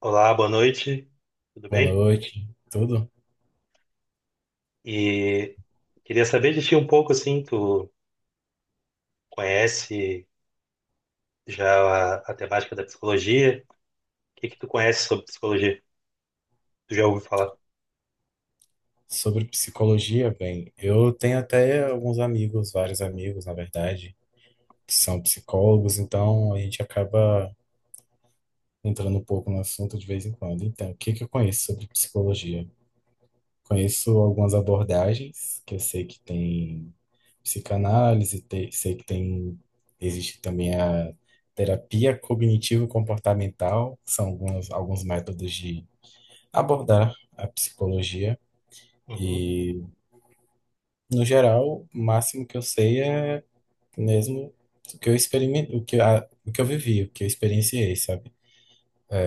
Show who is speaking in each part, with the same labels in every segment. Speaker 1: Olá, boa noite, tudo
Speaker 2: Boa
Speaker 1: bem?
Speaker 2: noite. Tudo
Speaker 1: E Queria saber de ti um pouco, assim, tu conhece já a temática da psicologia? O que que tu conhece sobre psicologia? Tu já ouviu falar?
Speaker 2: Sobre psicologia, bem, eu tenho até alguns amigos, vários amigos, na verdade, que são psicólogos, então a gente acaba entrando um pouco no assunto de vez em quando. Então, o que que eu conheço sobre psicologia? Conheço algumas abordagens, que eu sei que tem psicanálise, sei que tem, existe também a terapia cognitivo-comportamental, são alguns métodos de abordar a psicologia.
Speaker 1: Uhum.
Speaker 2: E No geral, o máximo que eu sei é mesmo o que eu experimentei, o que eu vivi, o que eu experienciei, sabe?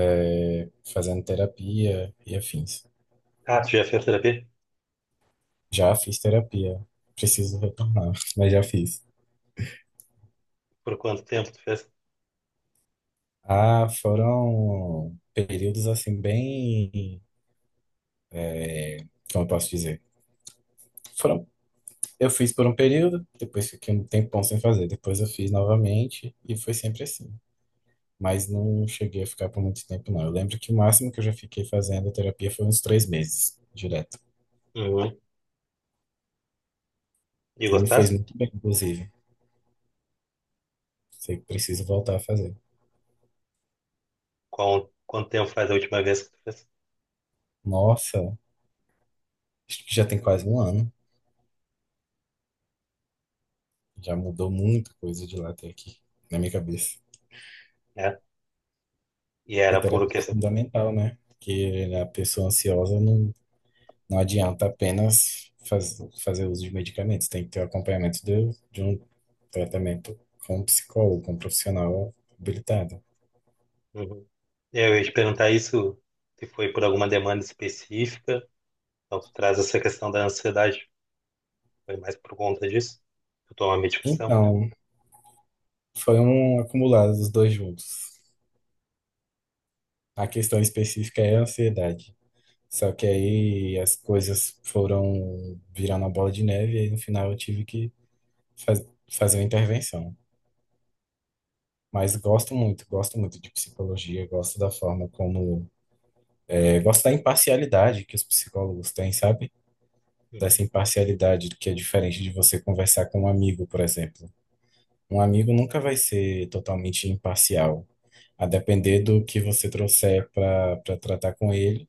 Speaker 2: Fazendo terapia e afins.
Speaker 1: Ah, tu já fez terapia?
Speaker 2: Já fiz terapia, preciso retornar, mas já fiz.
Speaker 1: Por quanto tempo tu fez?
Speaker 2: Ah, foram períodos assim é, como eu posso dizer? Foram, eu fiz por um período, depois fiquei um tempão sem fazer, depois eu fiz novamente e foi sempre assim. Mas não cheguei a ficar por muito tempo, não. Eu lembro que o máximo que eu já fiquei fazendo terapia foi uns 3 meses, direto.
Speaker 1: Uhum. E
Speaker 2: E me fez
Speaker 1: gostaste?
Speaker 2: muito bem, inclusive. Sei que preciso voltar a fazer.
Speaker 1: Qual, quanto tempo faz a última vez que tu fez?
Speaker 2: Nossa, acho que já tem quase um ano. Já mudou muita coisa de lá até aqui, na minha cabeça.
Speaker 1: É. E
Speaker 2: E
Speaker 1: era por
Speaker 2: terapia é
Speaker 1: questão.
Speaker 2: fundamental, né? Porque a pessoa ansiosa não adianta apenas fazer uso de medicamentos. Tem que ter o acompanhamento de um tratamento com um psicólogo, com um profissional habilitado.
Speaker 1: Uhum. Eu ia te perguntar isso, se foi por alguma demanda específica, então tu traz essa questão da ansiedade, foi mais por conta disso? Tu toma medicação?
Speaker 2: Então, foram acumulados os dois juntos. A questão específica é a ansiedade. Só que aí as coisas foram virando uma bola de neve e aí no final eu tive que faz- fazer uma intervenção. Mas gosto muito de psicologia, gosto da forma como, gosto da imparcialidade que os psicólogos têm, sabe? Dessa
Speaker 1: Uhum.
Speaker 2: imparcialidade que é diferente de você conversar com um amigo, por exemplo. Um amigo nunca vai ser totalmente imparcial. A depender do que você trouxer para tratar com ele,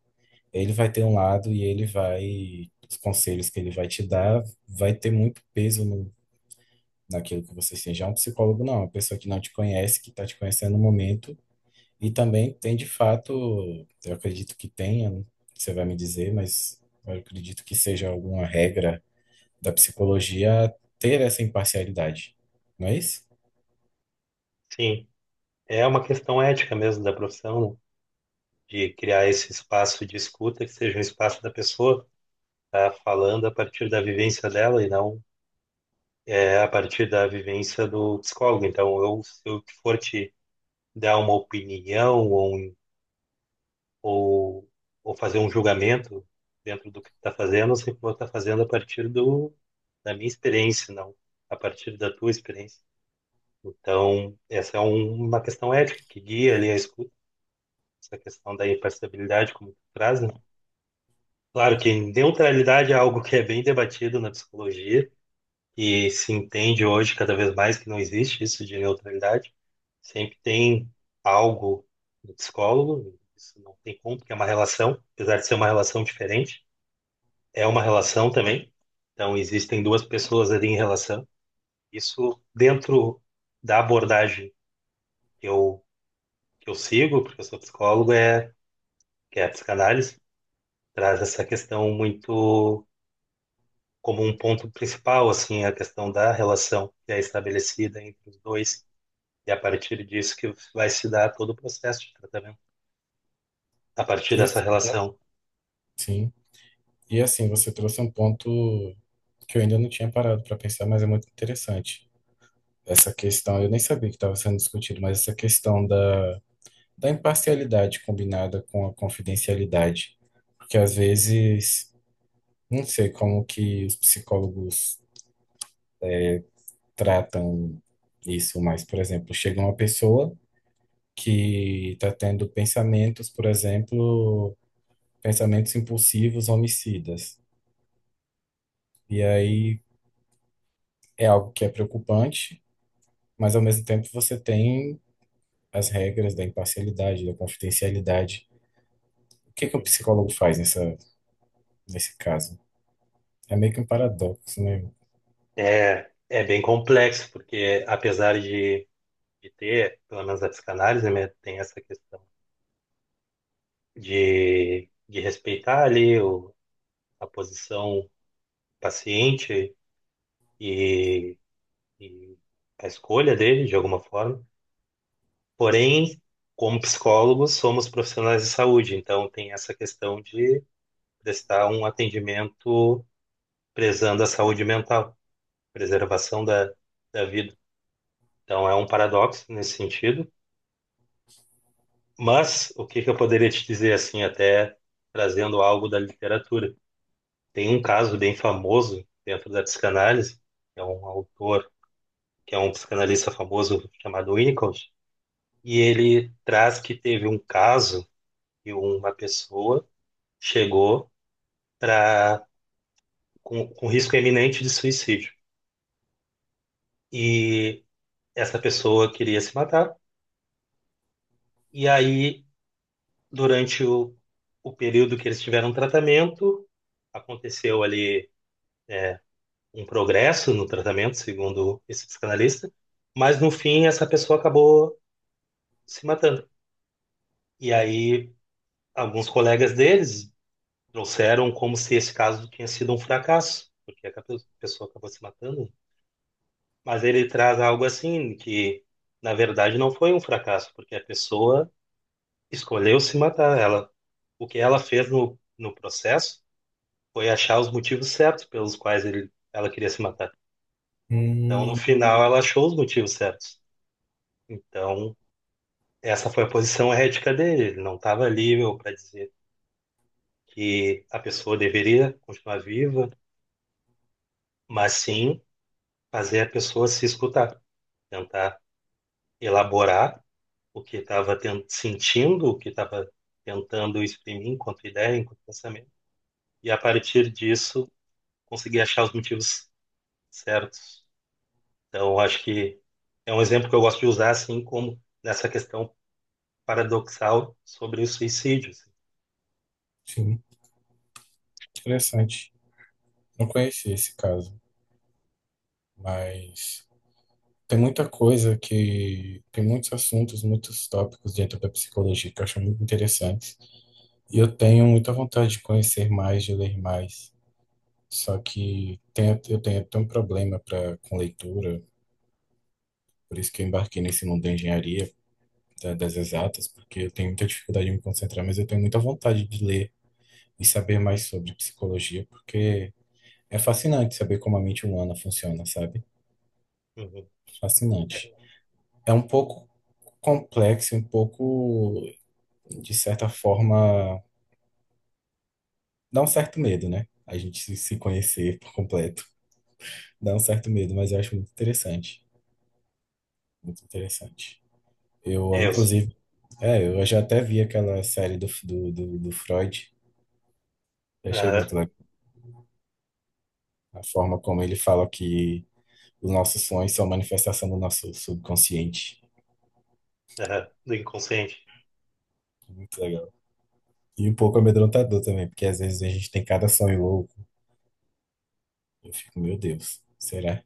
Speaker 2: ele vai ter um lado e ele os conselhos que ele vai te dar vai ter muito peso no, naquilo que você seja. Já um psicólogo não, é uma pessoa que não te conhece, que está te conhecendo no momento e também tem, de fato, eu acredito que tenha, você vai me dizer, mas eu acredito que seja alguma regra da psicologia ter essa imparcialidade, não é isso?
Speaker 1: Sim, é uma questão ética mesmo da profissão, né? De criar esse espaço de escuta que seja um espaço da pessoa tá falando a partir da vivência dela e não é a partir da vivência do psicólogo. Então, eu, se eu for te dar uma opinião ou, ou, ou fazer um julgamento dentro do que tu está fazendo, eu sempre vou estar fazendo a partir do, da minha experiência, não a partir da tua experiência. Então, essa é uma questão ética que guia ali a escuta. Essa questão da imparcialidade como tu traz, né? Claro que neutralidade é algo que é bem debatido na psicologia e se entende hoje cada vez mais que não existe isso de neutralidade. Sempre tem algo do psicólogo, isso não tem como, porque é uma relação, apesar de ser uma relação diferente, é uma relação também. Então existem duas pessoas ali em relação. Isso dentro da abordagem que eu sigo, porque eu sou psicólogo, é que é a psicanálise traz essa questão muito como um ponto principal, assim, a questão da relação que é estabelecida entre os dois, e a partir disso que vai se dar todo o processo de tratamento, a partir
Speaker 2: E
Speaker 1: dessa, né,
Speaker 2: assim,
Speaker 1: relação.
Speaker 2: sim. E assim, você trouxe um ponto que eu ainda não tinha parado para pensar, mas é muito interessante. Essa questão, eu nem sabia que estava sendo discutido, mas essa questão da imparcialidade combinada com a confidencialidade. Porque às vezes, não sei como que os psicólogos tratam isso, mas, por exemplo, chega uma pessoa que está tendo pensamentos, por exemplo, pensamentos impulsivos, homicidas. E aí é algo que é preocupante, mas ao mesmo tempo você tem as regras da imparcialidade, da confidencialidade. O que que o
Speaker 1: Uhum.
Speaker 2: psicólogo faz nesse caso. É meio que um paradoxo, né?
Speaker 1: É, é bem complexo, porque apesar de ter, pelo menos a psicanálise, né, tem essa questão de respeitar ali o, a posição do paciente e, e a escolha dele, de alguma forma. Porém, como psicólogos, somos profissionais de saúde, então tem essa questão de prestar um atendimento prezando a saúde mental, preservação da, da vida. Então é um paradoxo nesse sentido. Mas o que que eu poderia te dizer, assim, até trazendo algo da literatura? Tem um caso bem famoso dentro da psicanálise, que é um autor, que é um psicanalista famoso chamado Winnicott, e ele traz que teve um caso que uma pessoa chegou pra, com risco iminente de suicídio. E essa pessoa queria se matar, e aí, durante o período que eles tiveram tratamento, aconteceu ali um progresso no tratamento, segundo esse psicanalista, mas no fim essa pessoa acabou se matando. E aí, alguns colegas deles trouxeram como se esse caso tinha sido um fracasso, porque a pessoa acabou se matando. Mas ele traz algo assim que, na verdade, não foi um fracasso, porque a pessoa escolheu se matar. Ela, o que ela fez no processo foi achar os motivos certos pelos quais ela queria se matar. Então, no
Speaker 2: Hum,
Speaker 1: final, ela achou os motivos certos. Então, essa foi a posição ética dele. Ele não estava livre para dizer que a pessoa deveria continuar viva, mas sim fazer a pessoa se escutar, tentar elaborar o que estava sentindo, o que estava tentando exprimir enquanto ideia, enquanto pensamento, e a partir disso conseguir achar os motivos certos. Então, acho que é um exemplo que eu gosto de usar, assim como nessa questão paradoxal sobre os suicídios.
Speaker 2: sim, interessante. Não conheci esse caso, mas tem muita coisa que... Tem muitos assuntos, muitos tópicos dentro da psicologia que eu acho muito interessantes. E eu tenho muita vontade de conhecer mais, de ler mais. Só que eu tenho até um problema com leitura, por isso que eu embarquei nesse mundo da engenharia, das exatas, porque eu tenho muita dificuldade em me concentrar, mas eu tenho muita vontade de ler e saber mais sobre psicologia, porque é fascinante saber como a mente humana funciona, sabe?
Speaker 1: Uhum.
Speaker 2: Fascinante. É um pouco complexo, um pouco, de certa forma, dá um certo medo, né? A gente se conhecer por completo. Dá um certo medo, mas eu acho muito interessante. Muito interessante. Eu,
Speaker 1: É, isso.
Speaker 2: inclusive, eu já até vi aquela série do Freud. Eu achei
Speaker 1: Aham,
Speaker 2: muito legal. A forma como ele fala que os nossos sonhos são manifestação do nosso subconsciente.
Speaker 1: aham, do inconsciente.
Speaker 2: Muito legal. E um pouco amedrontador também, porque às vezes a gente tem cada sonho louco. Eu fico, meu Deus, será?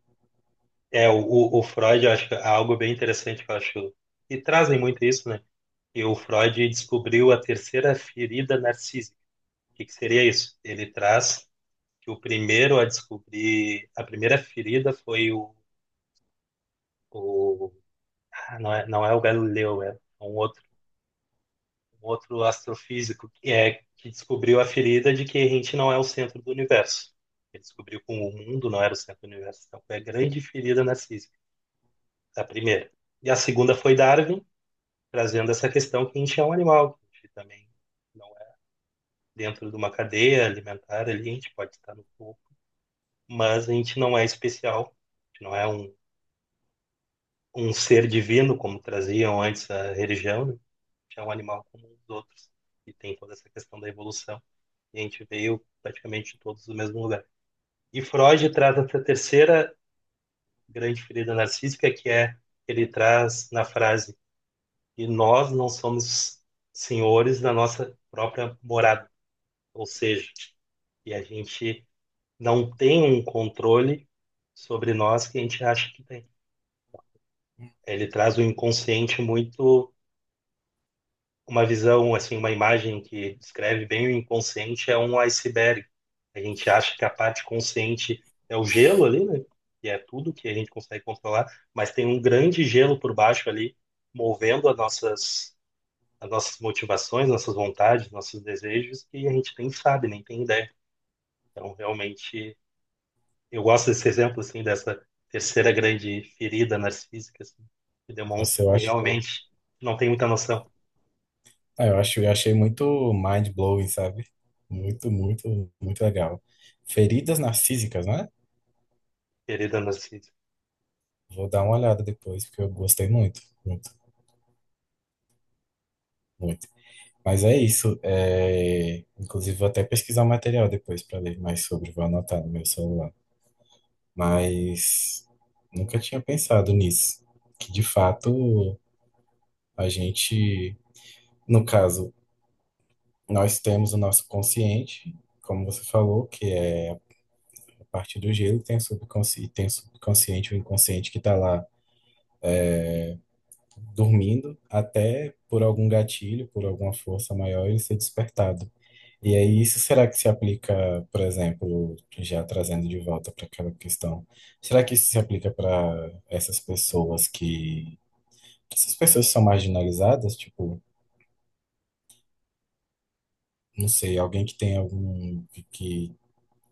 Speaker 1: É, o Freud, eu acho que é algo bem interessante que eu acho, e trazem muito isso, né? E o Freud descobriu a terceira ferida narcísica. O que que seria isso? Ele traz que o primeiro a descobrir, a primeira ferida foi o ah, não é o Galileu, é um outro astrofísico que é que descobriu a ferida de que a gente não é o centro do universo. Ele descobriu que o mundo não era o centro do universo, então foi a grande ferida na física, a primeira. E a segunda foi Darwin, trazendo essa questão que a gente é um animal, que a gente também não é, dentro de uma cadeia alimentar ali, a gente pode estar no topo, mas a gente não é especial, a gente não é um ser divino, como traziam antes a religião, né? É um animal como os outros, e tem toda essa questão da evolução, e a gente veio praticamente todos do mesmo lugar. E Freud traz essa terceira grande ferida narcísica, que é, ele traz na frase que nós não somos senhores da nossa própria morada, ou seja, que a gente não tem um controle sobre nós que a gente acha que tem. Ele traz o um inconsciente muito, uma visão, assim, uma imagem que descreve bem o inconsciente é um iceberg. A gente acha que a parte consciente é o gelo ali, né? Que é tudo que a gente consegue controlar, mas tem um grande gelo por baixo ali, movendo as nossas motivações, nossas vontades, nossos desejos, que a gente nem sabe, nem tem ideia. Então, realmente, eu gosto desse exemplo, assim, dessa terceira grande ferida narcísica, assim, que
Speaker 2: Nossa,
Speaker 1: demonstra
Speaker 2: eu
Speaker 1: que
Speaker 2: acho,
Speaker 1: realmente não tem muita noção,
Speaker 2: ah, Eu acho, eu achei muito mind-blowing, sabe? Muito, muito, muito legal. Feridas narcísicas, né?
Speaker 1: ferida narcísica.
Speaker 2: Vou dar uma olhada depois, porque eu gostei muito, muito, muito. Mas é isso. Inclusive, vou até pesquisar o material depois para ler mais sobre, vou anotar no meu celular. Mas nunca tinha pensado nisso, que de fato a gente... No caso, nós temos o nosso consciente, como você falou, que é a parte do gelo, tem o subconsciente, o inconsciente que está lá dormindo, até por algum gatilho, por alguma força maior, ele ser despertado. E aí, isso será que se aplica, por exemplo, já trazendo de volta para aquela questão, será que isso se aplica para essas essas pessoas que são marginalizadas, tipo, não sei, alguém que tem algum que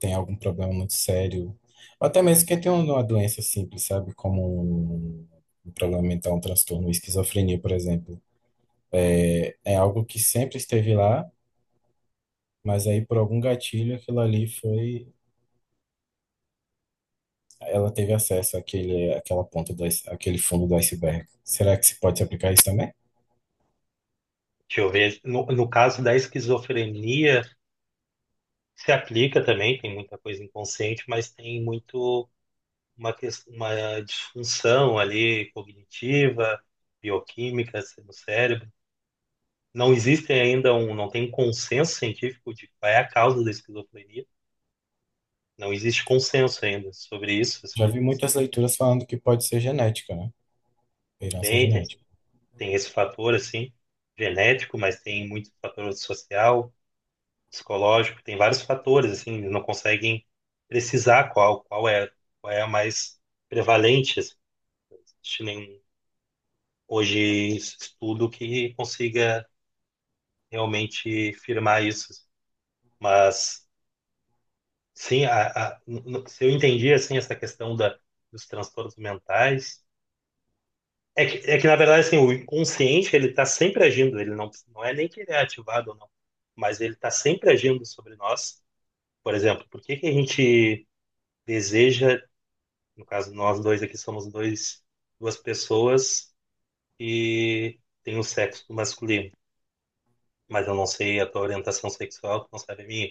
Speaker 2: tem algum problema muito sério, ou até mesmo quem tem uma doença simples, sabe? Como um problema mental, um transtorno, esquizofrenia, por exemplo. É algo que sempre esteve lá, mas aí por algum gatilho aquilo ali foi... Ela teve acesso àquela ponta do, àquele fundo do iceberg. Será que se pode se aplicar isso também?
Speaker 1: Deixa eu ver. No caso da esquizofrenia, se aplica também, tem muita coisa inconsciente, mas tem muito uma, uma disfunção ali cognitiva, bioquímica, assim, no cérebro. Não existe ainda um, não tem um consenso científico de qual é a causa da esquizofrenia. Não existe consenso ainda sobre isso,
Speaker 2: Já
Speaker 1: assim.
Speaker 2: vi muitas leituras falando que pode ser genética, né? Herança
Speaker 1: Tem, tem,
Speaker 2: genética.
Speaker 1: tem esse fator, assim, genético, mas tem muito fator social, psicológico, tem vários fatores, assim, eles não conseguem precisar qual, qual é a mais prevalente, assim, não existe nenhum hoje estudo que consiga realmente firmar isso, assim. Mas sim, a, se eu entendi, assim, essa questão da, dos transtornos mentais, é que na verdade, assim, o inconsciente, ele está sempre agindo, ele não, não é nem que ele é ativado ou não, mas ele está sempre agindo sobre nós. Por exemplo, por que que a gente deseja, no caso, nós dois aqui somos dois, duas pessoas e tem o sexo masculino. Mas eu não sei a tua orientação sexual, tu não sabe a minha.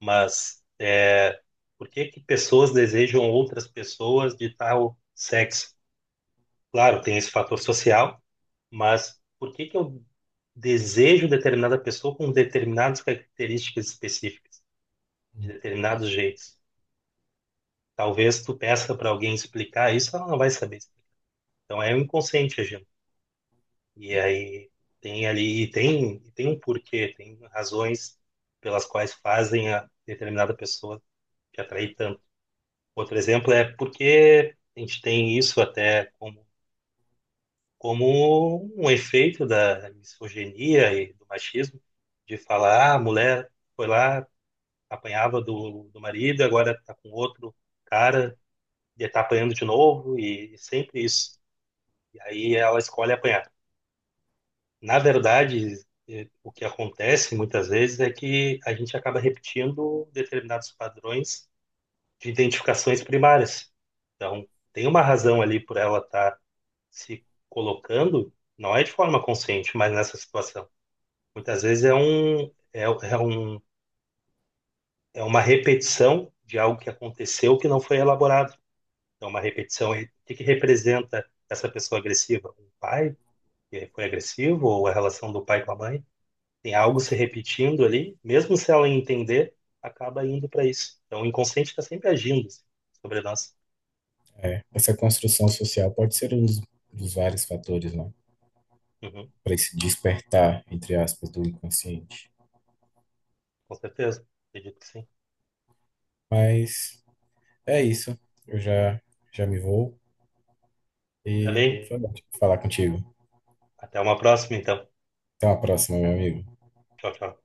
Speaker 1: Mas é, por que que pessoas desejam outras pessoas de tal sexo? Claro, tem esse fator social, mas por que que eu desejo determinada pessoa com determinadas características específicas, de determinados jeitos? Talvez tu peça para alguém explicar isso, ela não vai saber explicar. Então é o inconsciente agindo. E aí tem ali, e tem um porquê, tem razões pelas quais fazem a determinada pessoa te atrair tanto. Outro exemplo é porque a gente tem isso até como, como um efeito da misoginia e do machismo, de falar, ah, a mulher foi lá, apanhava do marido, agora tá com outro cara, e tá apanhando de novo, e sempre isso. E aí ela escolhe apanhar. Na verdade, o que acontece muitas vezes é que a gente acaba repetindo determinados padrões de identificações primárias. Então, tem uma razão ali por ela estar se colocando, não é de forma consciente, mas nessa situação. Muitas vezes é um, é, é um, é uma repetição de algo que aconteceu que não foi elaborado. Então, uma repetição, e o que que representa essa pessoa agressiva? Um pai que foi agressivo ou a relação do pai com a mãe? Tem algo se repetindo ali, mesmo se ela entender, acaba indo para isso. Então, o inconsciente está sempre agindo, assim, sobre nós.
Speaker 2: É, essa construção social pode ser um dos vários fatores, né,
Speaker 1: Uhum,
Speaker 2: para esse despertar, entre aspas, do inconsciente.
Speaker 1: com certeza, acredito que sim.
Speaker 2: Mas é isso. Eu já, Já me vou
Speaker 1: Tá
Speaker 2: e
Speaker 1: bem?
Speaker 2: foi bom falar contigo.
Speaker 1: Até uma próxima, então.
Speaker 2: Até uma próxima, meu amigo.
Speaker 1: Tchau, tchau.